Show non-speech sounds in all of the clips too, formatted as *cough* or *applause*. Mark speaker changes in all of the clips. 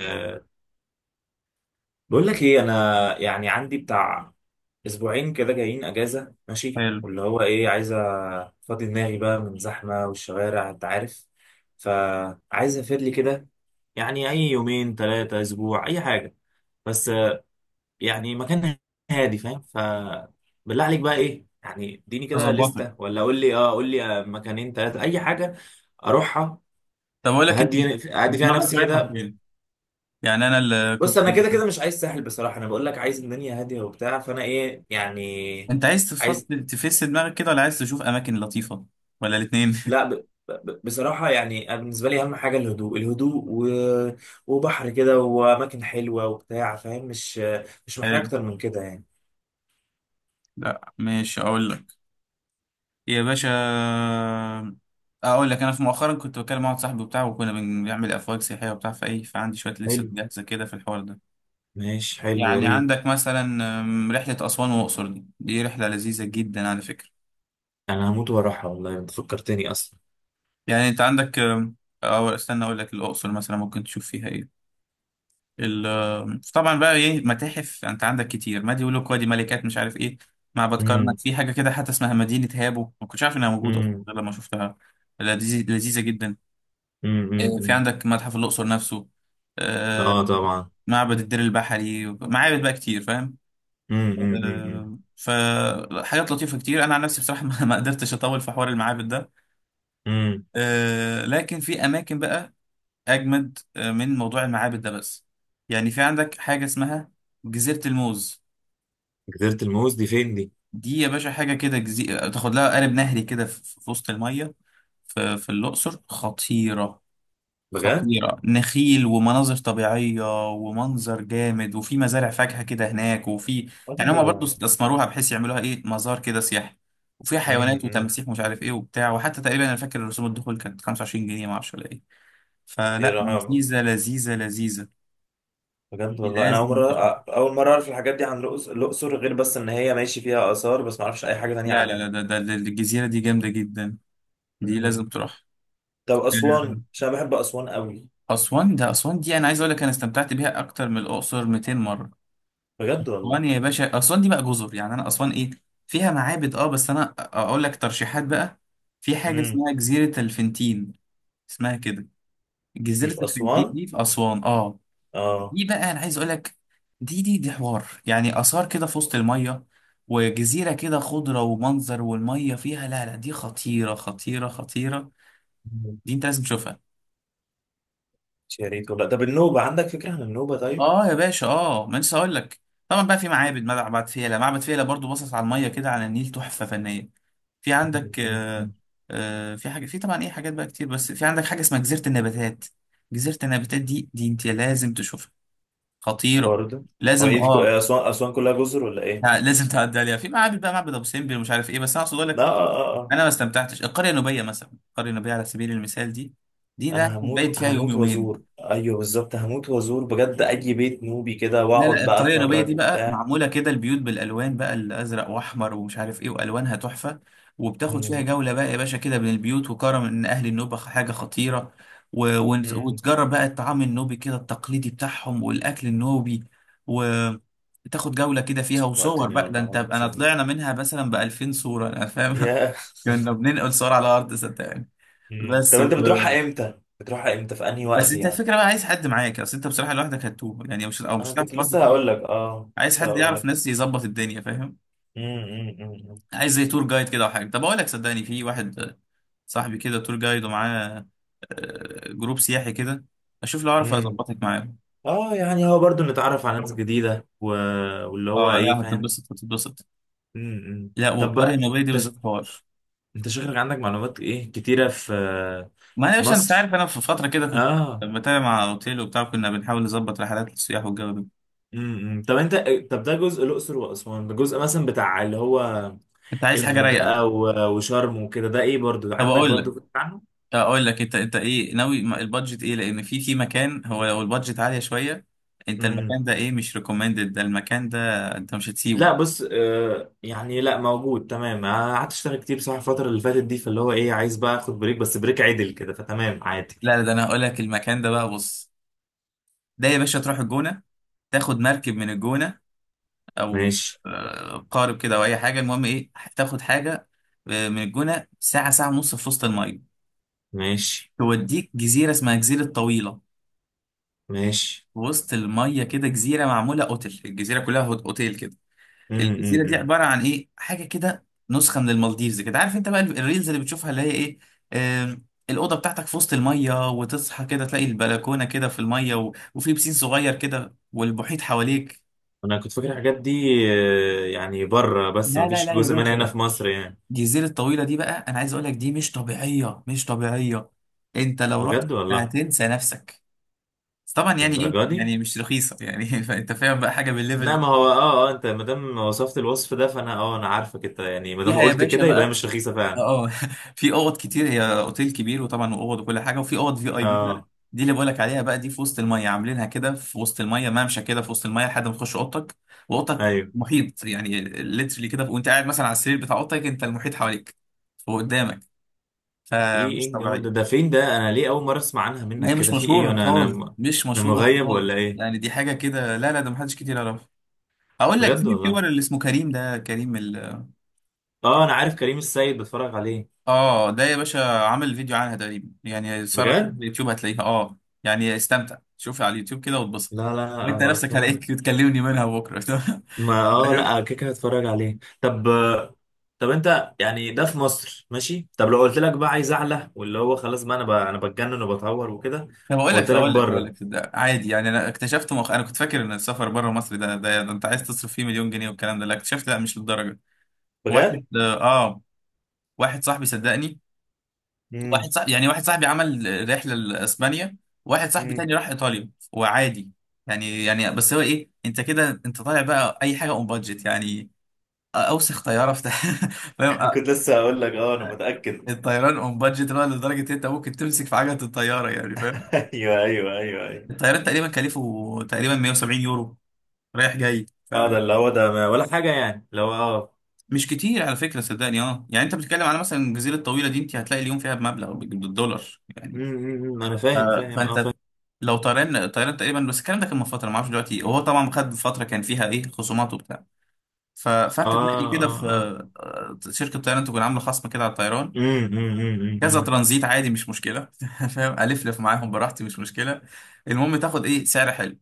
Speaker 1: آه، بقول لك ايه انا يعني عندي بتاع اسبوعين كده جايين اجازه، ماشي،
Speaker 2: حلو.
Speaker 1: واللي هو ايه عايز افضي دماغي بقى من زحمه والشوارع، انت عارف. فعايز اسافر لي كده، يعني اي يومين ثلاثه اسبوع اي حاجه بس. يعني مكان هادي، فاهم؟ ف بالله عليك بقى ايه، يعني اديني كده
Speaker 2: اظبطك.
Speaker 1: لستة، ولا قول لي مكانين ثلاثه اي حاجه اروحها.
Speaker 2: طب اقول لك انت،
Speaker 1: اهدي اهدي فيها
Speaker 2: دماغك
Speaker 1: نفسي
Speaker 2: رايحه
Speaker 1: كده.
Speaker 2: فين؟ يعني انا اللي
Speaker 1: بص،
Speaker 2: كنت،
Speaker 1: انا كده كده مش عايز ساحل بصراحه، انا بقول لك عايز الدنيا هاديه وبتاع، فانا ايه يعني؟
Speaker 2: انت عايز
Speaker 1: عايز
Speaker 2: تفصل تفس دماغك كده ولا عايز تشوف اماكن لطيفه ولا الاثنين؟
Speaker 1: لا بصراحه يعني، أنا بالنسبه لي اهم حاجه الهدوء الهدوء وبحر كده واماكن حلوه وبتاع، فاهم؟ مش
Speaker 2: *laughs*
Speaker 1: محتاج
Speaker 2: حلو.
Speaker 1: اكتر من كده يعني.
Speaker 2: لا ماشي، اقول لك يا باشا. اقول لك، انا في مؤخرا كنت بكلم واحد صاحبي وبتاع، وكنا بنعمل افواج سياحيه وبتاع، فايه، فعندي شويه لسه
Speaker 1: حلو،
Speaker 2: جاهزه كده في الحوار ده.
Speaker 1: ماشي، حلو، يا
Speaker 2: يعني
Speaker 1: ريت.
Speaker 2: عندك مثلا رحله اسوان والاقصر، دي رحله لذيذه جدا على فكره.
Speaker 1: انا هموت واروحها والله، انت فكرتني اصلا.
Speaker 2: يعني انت عندك، او استنى اقول لك، الاقصر مثلا ممكن تشوف فيها ايه. طبعا بقى ايه، متاحف انت عندك كتير، ما دي يقول لك وادي ملكات مش عارف ايه، معبد
Speaker 1: امم.
Speaker 2: كرنك، في حاجه كده حتى اسمها مدينه هابو، ما كنتش عارف انها موجوده اصلا
Speaker 1: امم.
Speaker 2: غير لما شفتها. لذيذه جدا.
Speaker 1: امم.
Speaker 2: في
Speaker 1: امم.
Speaker 2: عندك متحف الاقصر نفسه.
Speaker 1: اه
Speaker 2: آه،
Speaker 1: طبعا.
Speaker 2: معبد الدير البحري، معابد بقى كتير فاهم.
Speaker 1: امم. امم. امم.
Speaker 2: فحاجات لطيفه كتير. انا عن نفسي بصراحه *laughs* ما قدرتش اطول في حوار المعابد ده.
Speaker 1: امم.
Speaker 2: لكن في اماكن بقى اجمد من موضوع المعابد ده. بس يعني في عندك حاجه اسمها جزيره الموز.
Speaker 1: جزيره الموز دي فين دي؟
Speaker 2: دي يا باشا حاجه كده، جزيره تاخد لها قارب نهري كده في وسط الميه، في الاقصر، خطيره.
Speaker 1: بجد؟
Speaker 2: خطيره، نخيل ومناظر طبيعيه ومنظر جامد، وفي مزارع فاكهه كده هناك، وفي
Speaker 1: اه،
Speaker 2: يعني هما
Speaker 1: لا
Speaker 2: برضو
Speaker 1: لا.
Speaker 2: استثمروها بحيث يعملوها ايه، مزار كده سياحي، وفيها حيوانات
Speaker 1: امم.
Speaker 2: وتماسيح مش عارف ايه وبتاع. وحتى تقريبا انا فاكر رسوم الدخول كانت 25 جنيه، ما اعرفش ولا ايه. فلا،
Speaker 1: امم.
Speaker 2: لذيذه لذيذه لذيذه.
Speaker 1: بجد والله، انا اول
Speaker 2: لازم
Speaker 1: مره،
Speaker 2: تشوف.
Speaker 1: اعرف الحاجات دي عن الاقصر، غير بس ان هي ماشي فيها اثار، بس ما اعرفش اي حاجه تانية
Speaker 2: لا لا لا،
Speaker 1: عنها.
Speaker 2: ده الجزيرة دي جامدة جدا، دي
Speaker 1: امم.
Speaker 2: لازم تروح.
Speaker 1: طب
Speaker 2: آه،
Speaker 1: اسوان، عشان أنا بحب اسوان قوي.
Speaker 2: أسوان. ده أسوان دي أنا عايز أقول لك، أنا استمتعت بيها أكتر من الأقصر 200 مرة.
Speaker 1: بجد
Speaker 2: أسوان
Speaker 1: والله.
Speaker 2: يا باشا، أسوان دي بقى جزر، يعني أنا أسوان إيه، فيها معابد أه، بس أنا أقول لك ترشيحات بقى. في حاجة
Speaker 1: امم.
Speaker 2: اسمها جزيرة الفنتين، اسمها كده.
Speaker 1: دي
Speaker 2: جزيرة
Speaker 1: في
Speaker 2: الفنتين
Speaker 1: اسوان؟
Speaker 2: دي في أسوان أه.
Speaker 1: اه.
Speaker 2: دي بقى انا عايز اقول لك، دي حوار يعني، اثار كده في وسط الميه، وجزيره كده خضره ومنظر، والميه فيها، لا لا، دي خطيره خطيره خطيره.
Speaker 1: مم.
Speaker 2: دي انت لازم تشوفها.
Speaker 1: يا ريت والله. طب النوبه، عندك فكره عن النوبه طيب؟
Speaker 2: اه يا باشا اه، ما لسه هقول لك. طبعا بقى في معابد، معبد فيلة. معبد فيلة برضو باصص على الميه كده، على النيل، تحفه فنيه. في
Speaker 1: مم،
Speaker 2: عندك
Speaker 1: مم،
Speaker 2: آه.
Speaker 1: مم.
Speaker 2: آه، في حاجه، في طبعا ايه، حاجات بقى كتير، بس في عندك حاجه اسمها جزيره النباتات. جزيره النباتات دي، دي انت لازم تشوفها، خطيره.
Speaker 1: برضه. هو
Speaker 2: لازم
Speaker 1: ايه دي
Speaker 2: اه.
Speaker 1: اسوان؟ اسوان كلها جزر ولا ايه؟
Speaker 2: لا، لازم تعدي عليها. في معابد بقى، معبد ابو سمبل ومش عارف ايه، بس انا اقصد اقول
Speaker 1: لا،
Speaker 2: لك،
Speaker 1: اه اه اه.
Speaker 2: انا ما استمتعتش. القريه النوبيه مثلا، القريه النوبيه على سبيل المثال، دي ده
Speaker 1: انا
Speaker 2: كنت
Speaker 1: هموت
Speaker 2: بايت فيها يوم
Speaker 1: هموت وازور،
Speaker 2: يومين.
Speaker 1: ايوه بالظبط، هموت وازور بجد، اي بيت نوبي كده،
Speaker 2: لا
Speaker 1: واقعد
Speaker 2: لا،
Speaker 1: بقى
Speaker 2: القرية النوبية دي
Speaker 1: اتفرج
Speaker 2: بقى
Speaker 1: وبتاع.
Speaker 2: معمولة كده، البيوت بالألوان بقى، الأزرق وأحمر ومش عارف إيه، وألوانها تحفة، وبتاخد فيها جولة بقى يا باشا كده بين البيوت، وكرم إن أهل النوبة حاجة خطيرة،
Speaker 1: مم.
Speaker 2: وتجرب بقى الطعام النوبي كده التقليدي بتاعهم، والأكل النوبي، وتاخد جولة كده فيها وصور
Speaker 1: وقتني
Speaker 2: بقى. ده
Speaker 1: والله
Speaker 2: أنت،
Speaker 1: العظيم
Speaker 2: أنا
Speaker 1: فين.
Speaker 2: طلعنا منها مثلا بألفين صورة، أنا فاهم.
Speaker 1: يا.
Speaker 2: *laughs* كنا بننقل صور على الأرض صدقني.
Speaker 1: مم.
Speaker 2: بس
Speaker 1: طب انت
Speaker 2: و...
Speaker 1: بتروحها امتى؟ بتروحها امتى في انهي
Speaker 2: بس
Speaker 1: وقت
Speaker 2: أنت
Speaker 1: يعني؟
Speaker 2: الفكرة بقى، عايز حد معاك، أصل أنت بصراحة لوحدك هتتوه، يعني مش، أو مش
Speaker 1: انا
Speaker 2: هتعرف
Speaker 1: كنت لسه
Speaker 2: برضه.
Speaker 1: هقول لك،
Speaker 2: عايز
Speaker 1: لسه
Speaker 2: حد
Speaker 1: هقول
Speaker 2: يعرف
Speaker 1: لك.
Speaker 2: ناس، يظبط الدنيا فاهم.
Speaker 1: امم.
Speaker 2: عايز زي تور جايد كده او حاجه. طب اقول لك، صدقني في واحد صاحبي كده تور جايد، ومعاه جروب سياحي كده. اشوف لو اعرف
Speaker 1: امم.
Speaker 2: اظبطك معاه.
Speaker 1: اه يعني هو برضو نتعرف على ناس جديدة واللي هو
Speaker 2: اه
Speaker 1: ايه،
Speaker 2: لا،
Speaker 1: فاهم؟
Speaker 2: هتتبسط هتتبسط. لا،
Speaker 1: طب
Speaker 2: والقريه
Speaker 1: بقى،
Speaker 2: النوبيه دي
Speaker 1: انت ش-
Speaker 2: بالذات حوار.
Speaker 1: انت شكلك عندك معلومات ايه كتيرة في
Speaker 2: ما انا يا باشا، انت
Speaker 1: مصر،
Speaker 2: عارف انا في فتره كده كنت
Speaker 1: اه.
Speaker 2: بتابع مع اوتيل وبتاع، كنا بنحاول نظبط رحلات للسياح والجو ده.
Speaker 1: امم. طب انت، طب ده جزء الاقصر واسوان، ده جزء مثلا بتاع اللي هو
Speaker 2: انت عايز حاجه رايقه؟
Speaker 1: الغردقة وشرم وكده، ده ايه؟ برضو
Speaker 2: طب
Speaker 1: عندك
Speaker 2: اقول لك.
Speaker 1: برضو؟
Speaker 2: انت انت ايه ناوي البادجت ايه؟ لان في في مكان، هو لو البادجت عاليه شويه، انت
Speaker 1: امم
Speaker 2: المكان ده ايه، مش ريكومندد ده المكان ده، انت مش هتسيبه.
Speaker 1: لا، بص، يعني لا، موجود تمام. أنا قعدت اشتغل كتير بصراحه الفتره اللي فاتت دي، فاللي هو ايه عايز بقى اخد بريك، بس بريك عدل كده، فتمام، عادي.
Speaker 2: لا لا، ده انا هقول لك المكان ده بقى، بص. ده يا باشا تروح الجونه، تاخد مركب من الجونه، او
Speaker 1: ماشي،
Speaker 2: قارب كده او اي حاجه، المهم ايه، تاخد حاجه من الجونه ساعه، ساعه ونص في وسط الميه،
Speaker 1: ماشي،
Speaker 2: توديك جزيره اسمها جزيره طويله،
Speaker 1: ماشي.
Speaker 2: في وسط الميه كده، جزيره معموله اوتيل، الجزيره كلها اوتيل كده.
Speaker 1: امم.
Speaker 2: الجزيره دي
Speaker 1: امم.
Speaker 2: عباره عن ايه، حاجه كده نسخه من المالديفز كده، عارف انت بقى الريلز اللي بتشوفها اللي هي ايه، آم، الاوضه بتاعتك في وسط الميه، وتصحى كده تلاقي البلكونه كده في الميه، وفي بسين صغير كده والمحيط حواليك.
Speaker 1: انا كنت فاكر الحاجات دي يعني بره، بس
Speaker 2: لا لا
Speaker 1: مفيش
Speaker 2: لا يا
Speaker 1: جزء
Speaker 2: باشا،
Speaker 1: منها هنا
Speaker 2: لا.
Speaker 1: في مصر يعني؟
Speaker 2: الجزيره الطويله دي بقى، انا عايز اقول لك، دي مش طبيعيه مش طبيعيه. انت لو رحت
Speaker 1: بجد والله؟
Speaker 2: هتنسى نفسك. بس طبعا يعني ايه،
Speaker 1: للدرجه دي؟
Speaker 2: يعني مش رخيصه يعني. *laughs* فانت فاهم بقى، حاجه بالليفل
Speaker 1: لا،
Speaker 2: ده،
Speaker 1: ما هو انت ما دام وصفت الوصف ده فانا، انا عارفك انت، يعني ما دام
Speaker 2: فيها يا
Speaker 1: قلت
Speaker 2: باشا
Speaker 1: كده يبقى هي
Speaker 2: بقى،
Speaker 1: مش رخيصه فعلا.
Speaker 2: اه *laughs* في اوض كتير، هي اوتيل كبير وطبعا واوض وكل حاجه، وفي اوض في اي بي بقى.
Speaker 1: اه،
Speaker 2: دي اللي بقولك عليها بقى، دي في وسط الميه، عاملينها كده في وسط الميه، ممشى كده في وسط الميه لحد ما تخش اوضتك، واوضتك
Speaker 1: ايوه.
Speaker 2: محيط يعني ليترلي كده، وانت قاعد مثلا على السرير بتاع اوضتك، انت المحيط حواليك وقدامك،
Speaker 1: ايه
Speaker 2: فمش
Speaker 1: ايه الجو ده؟ ده
Speaker 2: طبيعيه.
Speaker 1: فين ده؟ انا ليه اول مره اسمع عنها
Speaker 2: ما هي
Speaker 1: منك
Speaker 2: مش
Speaker 1: كده؟ في ايه؟
Speaker 2: مشهوره خالص، مش
Speaker 1: انا
Speaker 2: مشهوره
Speaker 1: مغيب
Speaker 2: خالص،
Speaker 1: ولا ايه؟
Speaker 2: يعني دي حاجه كده، لا لا، ده محدش كتير يعرفها. اقول لك، في
Speaker 1: بجد والله.
Speaker 2: اليوتيوبر اللي اسمه كريم، ده كريم
Speaker 1: اه، انا عارف كريم السيد، بتفرج عليه.
Speaker 2: اه. ده يا باشا عامل فيديو عنها، تقريبا يعني سهرة
Speaker 1: بجد؟
Speaker 2: اليوتيوب هتلاقيها اه. يعني استمتع، شوفها على اليوتيوب كده واتبسط،
Speaker 1: لا لا لا،
Speaker 2: وانت
Speaker 1: ابقى
Speaker 2: نفسك
Speaker 1: اتفرج.
Speaker 2: هلاقيك تكلمني منها بكره.
Speaker 1: ما
Speaker 2: *laughs* فاهم.
Speaker 1: لا، كده كده هتفرج عليه. طب، طب انت يعني ده في مصر ماشي. طب لو قلت لك بقى عايز اعلى، واللي هو خلاص بقى، انا انا بتجنن وبتعور وكده،
Speaker 2: طب اقول
Speaker 1: وقلت
Speaker 2: لك.
Speaker 1: لك بره؟
Speaker 2: ده عادي يعني، انا اكتشفت انا كنت فاكر ان السفر بره مصر ده انت عايز تصرف فيه مليون جنيه والكلام ده. لا، اكتشفت لا، مش للدرجه.
Speaker 1: بجد؟
Speaker 2: واحد اه، واحد صاحبي صدقني، واحد
Speaker 1: امم.
Speaker 2: صاحبي يعني، واحد صاحبي عمل رحله لاسبانيا، واحد صاحبي
Speaker 1: امم.
Speaker 2: تاني راح ايطاليا وعادي. يعني بس هو ايه، انت كده انت طالع بقى اي حاجه اون بادجت يعني، اوسخ طياره في، *laughs* فاهم.
Speaker 1: *laughs* كنت لسه هقول لك انا متاكد. *laughs*
Speaker 2: الطيران اون بادجت، اللي هو لدرجه إن انت ممكن تمسك في عجله الطياره، يعني فاهم.
Speaker 1: ايوه، ايوه، ايوه، ايوه.
Speaker 2: الطيران تقريبا كلفه تقريبا 170 يورو رايح جاي،
Speaker 1: اه،
Speaker 2: فمش
Speaker 1: ده اللي هو ده، ما ولا حاجه يعني لو اه
Speaker 2: كتير على فكره صدقني. اه يعني انت بتتكلم على مثلا الجزيره الطويله دي، انت هتلاقي اليوم فيها بمبلغ بالدولار يعني.
Speaker 1: انا
Speaker 2: ف-
Speaker 1: فاهم، فاهم، فاهم.
Speaker 2: فانت لو طيران، طيران تقريبا، بس الكلام ده كان من فتره، ما اعرفش دلوقتي، وهو طبعا خد فتره كان فيها ايه خصومات وبتاع.
Speaker 1: اه
Speaker 2: فانت تلاقي كده في
Speaker 1: اه اه.
Speaker 2: شركه طيران تكون عامله خصم كده على الطيران.
Speaker 1: امم. امم. امم.
Speaker 2: كذا
Speaker 1: أمم.
Speaker 2: ترانزيت عادي مش مشكله *laughs* فاهم، الفلف معاهم براحتي مش مشكله، المهم تاخد ايه سعر حلو.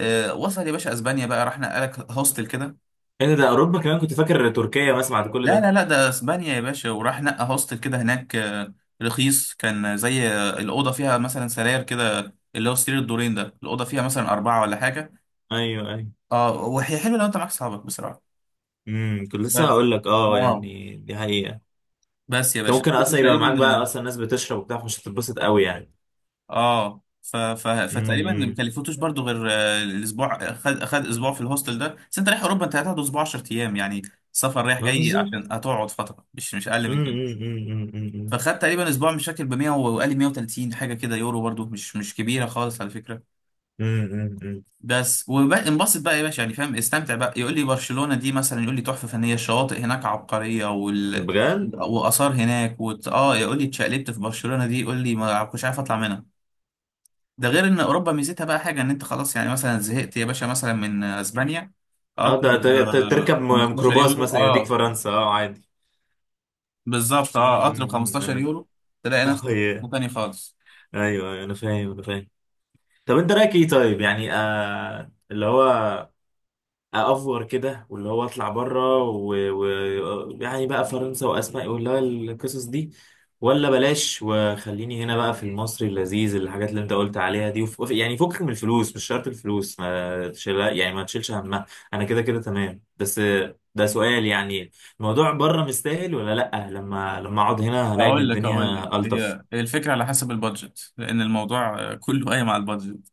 Speaker 2: وصل يا باشا اسبانيا بقى، راح نقلك هوستل كده.
Speaker 1: ايه ده؟ ده اوروبا كمان؟ كنت فاكر تركيا بس، بعد كل
Speaker 2: لا
Speaker 1: ده.
Speaker 2: لا لا، ده اسبانيا يا باشا، وراح نقى هوستل كده هناك، رخيص، كان زي آه، الاوضه فيها مثلا سراير كده، اللي هو سرير الدورين ده، الاوضه فيها مثلا اربعه ولا حاجه.
Speaker 1: ايوه، ايوه.
Speaker 2: اه وهي حلوه لو انت معاك صحابك بصراحه.
Speaker 1: كنت لسه
Speaker 2: بس
Speaker 1: هقول لك،
Speaker 2: اه،
Speaker 1: يعني دي حقيقة.
Speaker 2: بس يا
Speaker 1: انت
Speaker 2: باشا،
Speaker 1: ممكن
Speaker 2: كله
Speaker 1: اصلا يبقى معاك بقى
Speaker 2: تقريبا
Speaker 1: اصلا ناس بتشرب وبتاع، فمش هتتبسط قوي يعني.
Speaker 2: اه، فتقريبا ما
Speaker 1: امم
Speaker 2: كلفتوش برضو، غير الاسبوع، خد خد اسبوع في الهوستل ده، بس انت رايح اوروبا انت هتقعد اسبوع، 10 ايام يعني، سفر رايح
Speaker 1: ما
Speaker 2: جاي،
Speaker 1: بالظبط.
Speaker 2: عشان هتقعد فتره مش مش اقل من
Speaker 1: امم.
Speaker 2: كده.
Speaker 1: امم. امم.
Speaker 2: فخدت تقريبا اسبوع مش فاكر، ب 100 وقال لي 130 حاجه كده يورو، برضو مش مش كبيره خالص على فكره.
Speaker 1: امم. امم.
Speaker 2: بس، وانبسط بقى يا باشا، يعني فاهم، استمتع بقى. يقول لي برشلونة دي مثلا، يقول لي تحفة فنية، الشواطئ هناك عبقرية،
Speaker 1: بجد.
Speaker 2: وآثار هناك اه يقول لي اتشقلبت في برشلونة دي، يقول لي ما كنتش عارف اطلع منها. ده غير ان اوروبا ميزتها بقى حاجة، ان انت خلاص يعني مثلا زهقت يا باشا مثلا من اسبانيا،
Speaker 1: اه،
Speaker 2: قطر
Speaker 1: ده
Speaker 2: ب
Speaker 1: تركب
Speaker 2: 15
Speaker 1: ميكروباص
Speaker 2: يورو،
Speaker 1: مثلا يوديك
Speaker 2: اه
Speaker 1: فرنسا، اه، عادي.
Speaker 2: بالظبط اه،
Speaker 1: امم.
Speaker 2: قطر ب
Speaker 1: امم. أمم.
Speaker 2: 15
Speaker 1: انا
Speaker 2: يورو، تلاقي
Speaker 1: *laughs* اه،
Speaker 2: نفسك في
Speaker 1: يا.
Speaker 2: حتة تاني خالص.
Speaker 1: ايوه، أيوة، انا فاهم، انا فاهم. طب انت رايك ايه طيب؟ يعني اللي هو افور كده، واللي هو اطلع بره يعني بقى فرنسا واسبانيا واللي هو القصص دي، ولا بلاش وخليني هنا بقى في المصري اللذيذ، الحاجات اللي انت قلت عليها دي؟ يعني فكك من الفلوس، مش شرط الفلوس ما تشيل، يعني ما تشيلش همها. انا كده كده تمام، بس ده سؤال يعني، الموضوع بره مستاهل ولا لا؟ لما اقعد هنا هلاقي ان
Speaker 2: اقول لك.
Speaker 1: الدنيا الطف.
Speaker 2: هي هي الفكرة على حسب البادجت، لان الموضوع كله قايم على البادجت.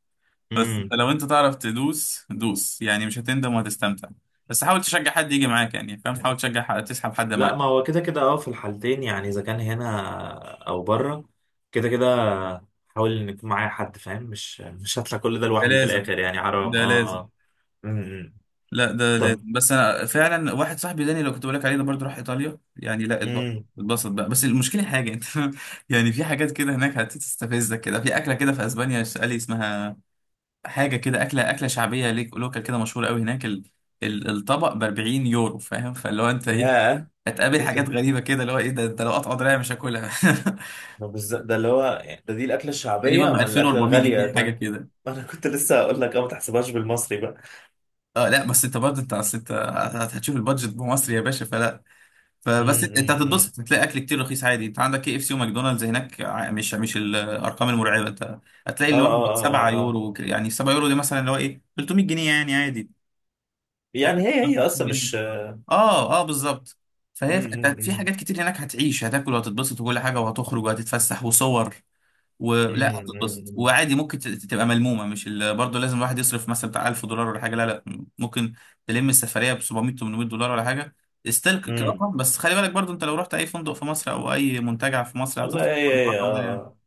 Speaker 2: بس انت لو انت تعرف تدوس دوس، يعني مش هتندم وهتستمتع، بس حاول تشجع حد يجي معاك، يعني فاهم، حاول تشجع حد، تسحب حد
Speaker 1: لا
Speaker 2: معاك.
Speaker 1: ما هو كده كده، في الحالتين يعني، اذا كان هنا او بره كده كده، حاول ان يكون معايا حد، فاهم؟ مش هطلع كل ده
Speaker 2: ده
Speaker 1: لوحدي في
Speaker 2: لازم.
Speaker 1: الاخر يعني، حرام،
Speaker 2: ده
Speaker 1: اه
Speaker 2: لازم.
Speaker 1: اه. أمم.
Speaker 2: لا ده لازم.
Speaker 1: طب.
Speaker 2: بس انا فعلا واحد صاحبي داني لو كنت بقول لك عليه ده، برضه راح ايطاليا، يعني لا، اتبسط،
Speaker 1: امم
Speaker 2: اتبسط بقى. بس المشكله حاجه، انت *laughs* يعني في حاجات كده هناك هتستفزك كده، في اكله كده في اسبانيا قال لي اسمها، حاجه كده اكله، اكله شعبيه ليك لوكال كده، مشهوره قوي هناك، الطبق ب 40 يورو، فاهم، فاللي هو انت ايه،
Speaker 1: يا،
Speaker 2: هتقابل
Speaker 1: ايه
Speaker 2: حاجات غريبه كده، اللي هو ايه ده، انت لو قطع دراعي مش هاكلها. *laughs*
Speaker 1: ده بالظبط ده، اللي هو ده، دي الاكله
Speaker 2: تقريبا
Speaker 1: الشعبيه؟
Speaker 2: ب
Speaker 1: اما الاكله
Speaker 2: 2400 جنيه
Speaker 1: الغاليه
Speaker 2: حاجه
Speaker 1: طيب!
Speaker 2: كده.
Speaker 1: *laughs* انا كنت لسه هقول لك ما تحسبهاش بالمصري بقى.
Speaker 2: اه لا، بس انت برضه انت، أصل انت هتشوف البادجت بمصر يا باشا فلا.
Speaker 1: امم.
Speaker 2: فبس انت، أنت
Speaker 1: أمم، أمم.
Speaker 2: هتتبسط، هتلاقي اكل كتير رخيص عادي، انت عندك كي اف سي وماكدونالدز هناك، مش مش الارقام المرعبه. انت هتلاقي
Speaker 1: اه
Speaker 2: اللي هو
Speaker 1: اه اه
Speaker 2: 7
Speaker 1: اه آه.
Speaker 2: يورو يعني 7 يورو دي مثلا اللي هو ايه 300 جنيه يعني عادي. ف-
Speaker 1: يعني هي
Speaker 2: 50
Speaker 1: اصلا
Speaker 2: جنيه
Speaker 1: مش.
Speaker 2: اه اه بالظبط. فهي
Speaker 1: أمم،
Speaker 2: انت في
Speaker 1: أمم.
Speaker 2: حاجات كتير هناك، هتعيش هتاكل وهتتبسط وكل حاجه، وهتخرج وهتتفسح وصور، ولا
Speaker 1: أمم،
Speaker 2: هتتبسط
Speaker 1: أمم،
Speaker 2: وعادي. ممكن تبقى ملمومه، مش برضه لازم الواحد يصرف مثلا بتاع 1000 دولار ولا حاجه، لا لا، ممكن تلم السفريه ب 700، 800 دولار ولا حاجه، استلك
Speaker 1: أمم.
Speaker 2: كرقم. بس خلي بالك برضه، انت لو رحت اي فندق في مصر او اي منتجع في مصر
Speaker 1: والله
Speaker 2: هتصرف
Speaker 1: هي،
Speaker 2: كم،
Speaker 1: هي اه
Speaker 2: الرقم ده يعني
Speaker 1: آه.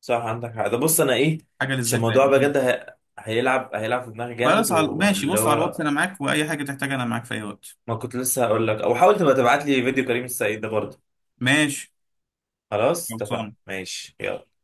Speaker 1: صح، عندك حق. ده بص انا ايه،
Speaker 2: حاجه
Speaker 1: عشان
Speaker 2: للذكر يعني.
Speaker 1: الموضوع بجد
Speaker 2: مم.
Speaker 1: هيلعب، في دماغي جامد،
Speaker 2: خلاص،
Speaker 1: وانا
Speaker 2: ماشي،
Speaker 1: اللي
Speaker 2: بص على الواتس
Speaker 1: هو.
Speaker 2: انا معاك، واي حاجه تحتاجها انا معاك في اي وقت.
Speaker 1: ما كنت لسه هقول لك، او حاول تبقى تبعت لي فيديو كريم السعيد ده برضه.
Speaker 2: ماشي.
Speaker 1: خلاص، اتفقنا،
Speaker 2: خلصان.
Speaker 1: ماشي، يلا.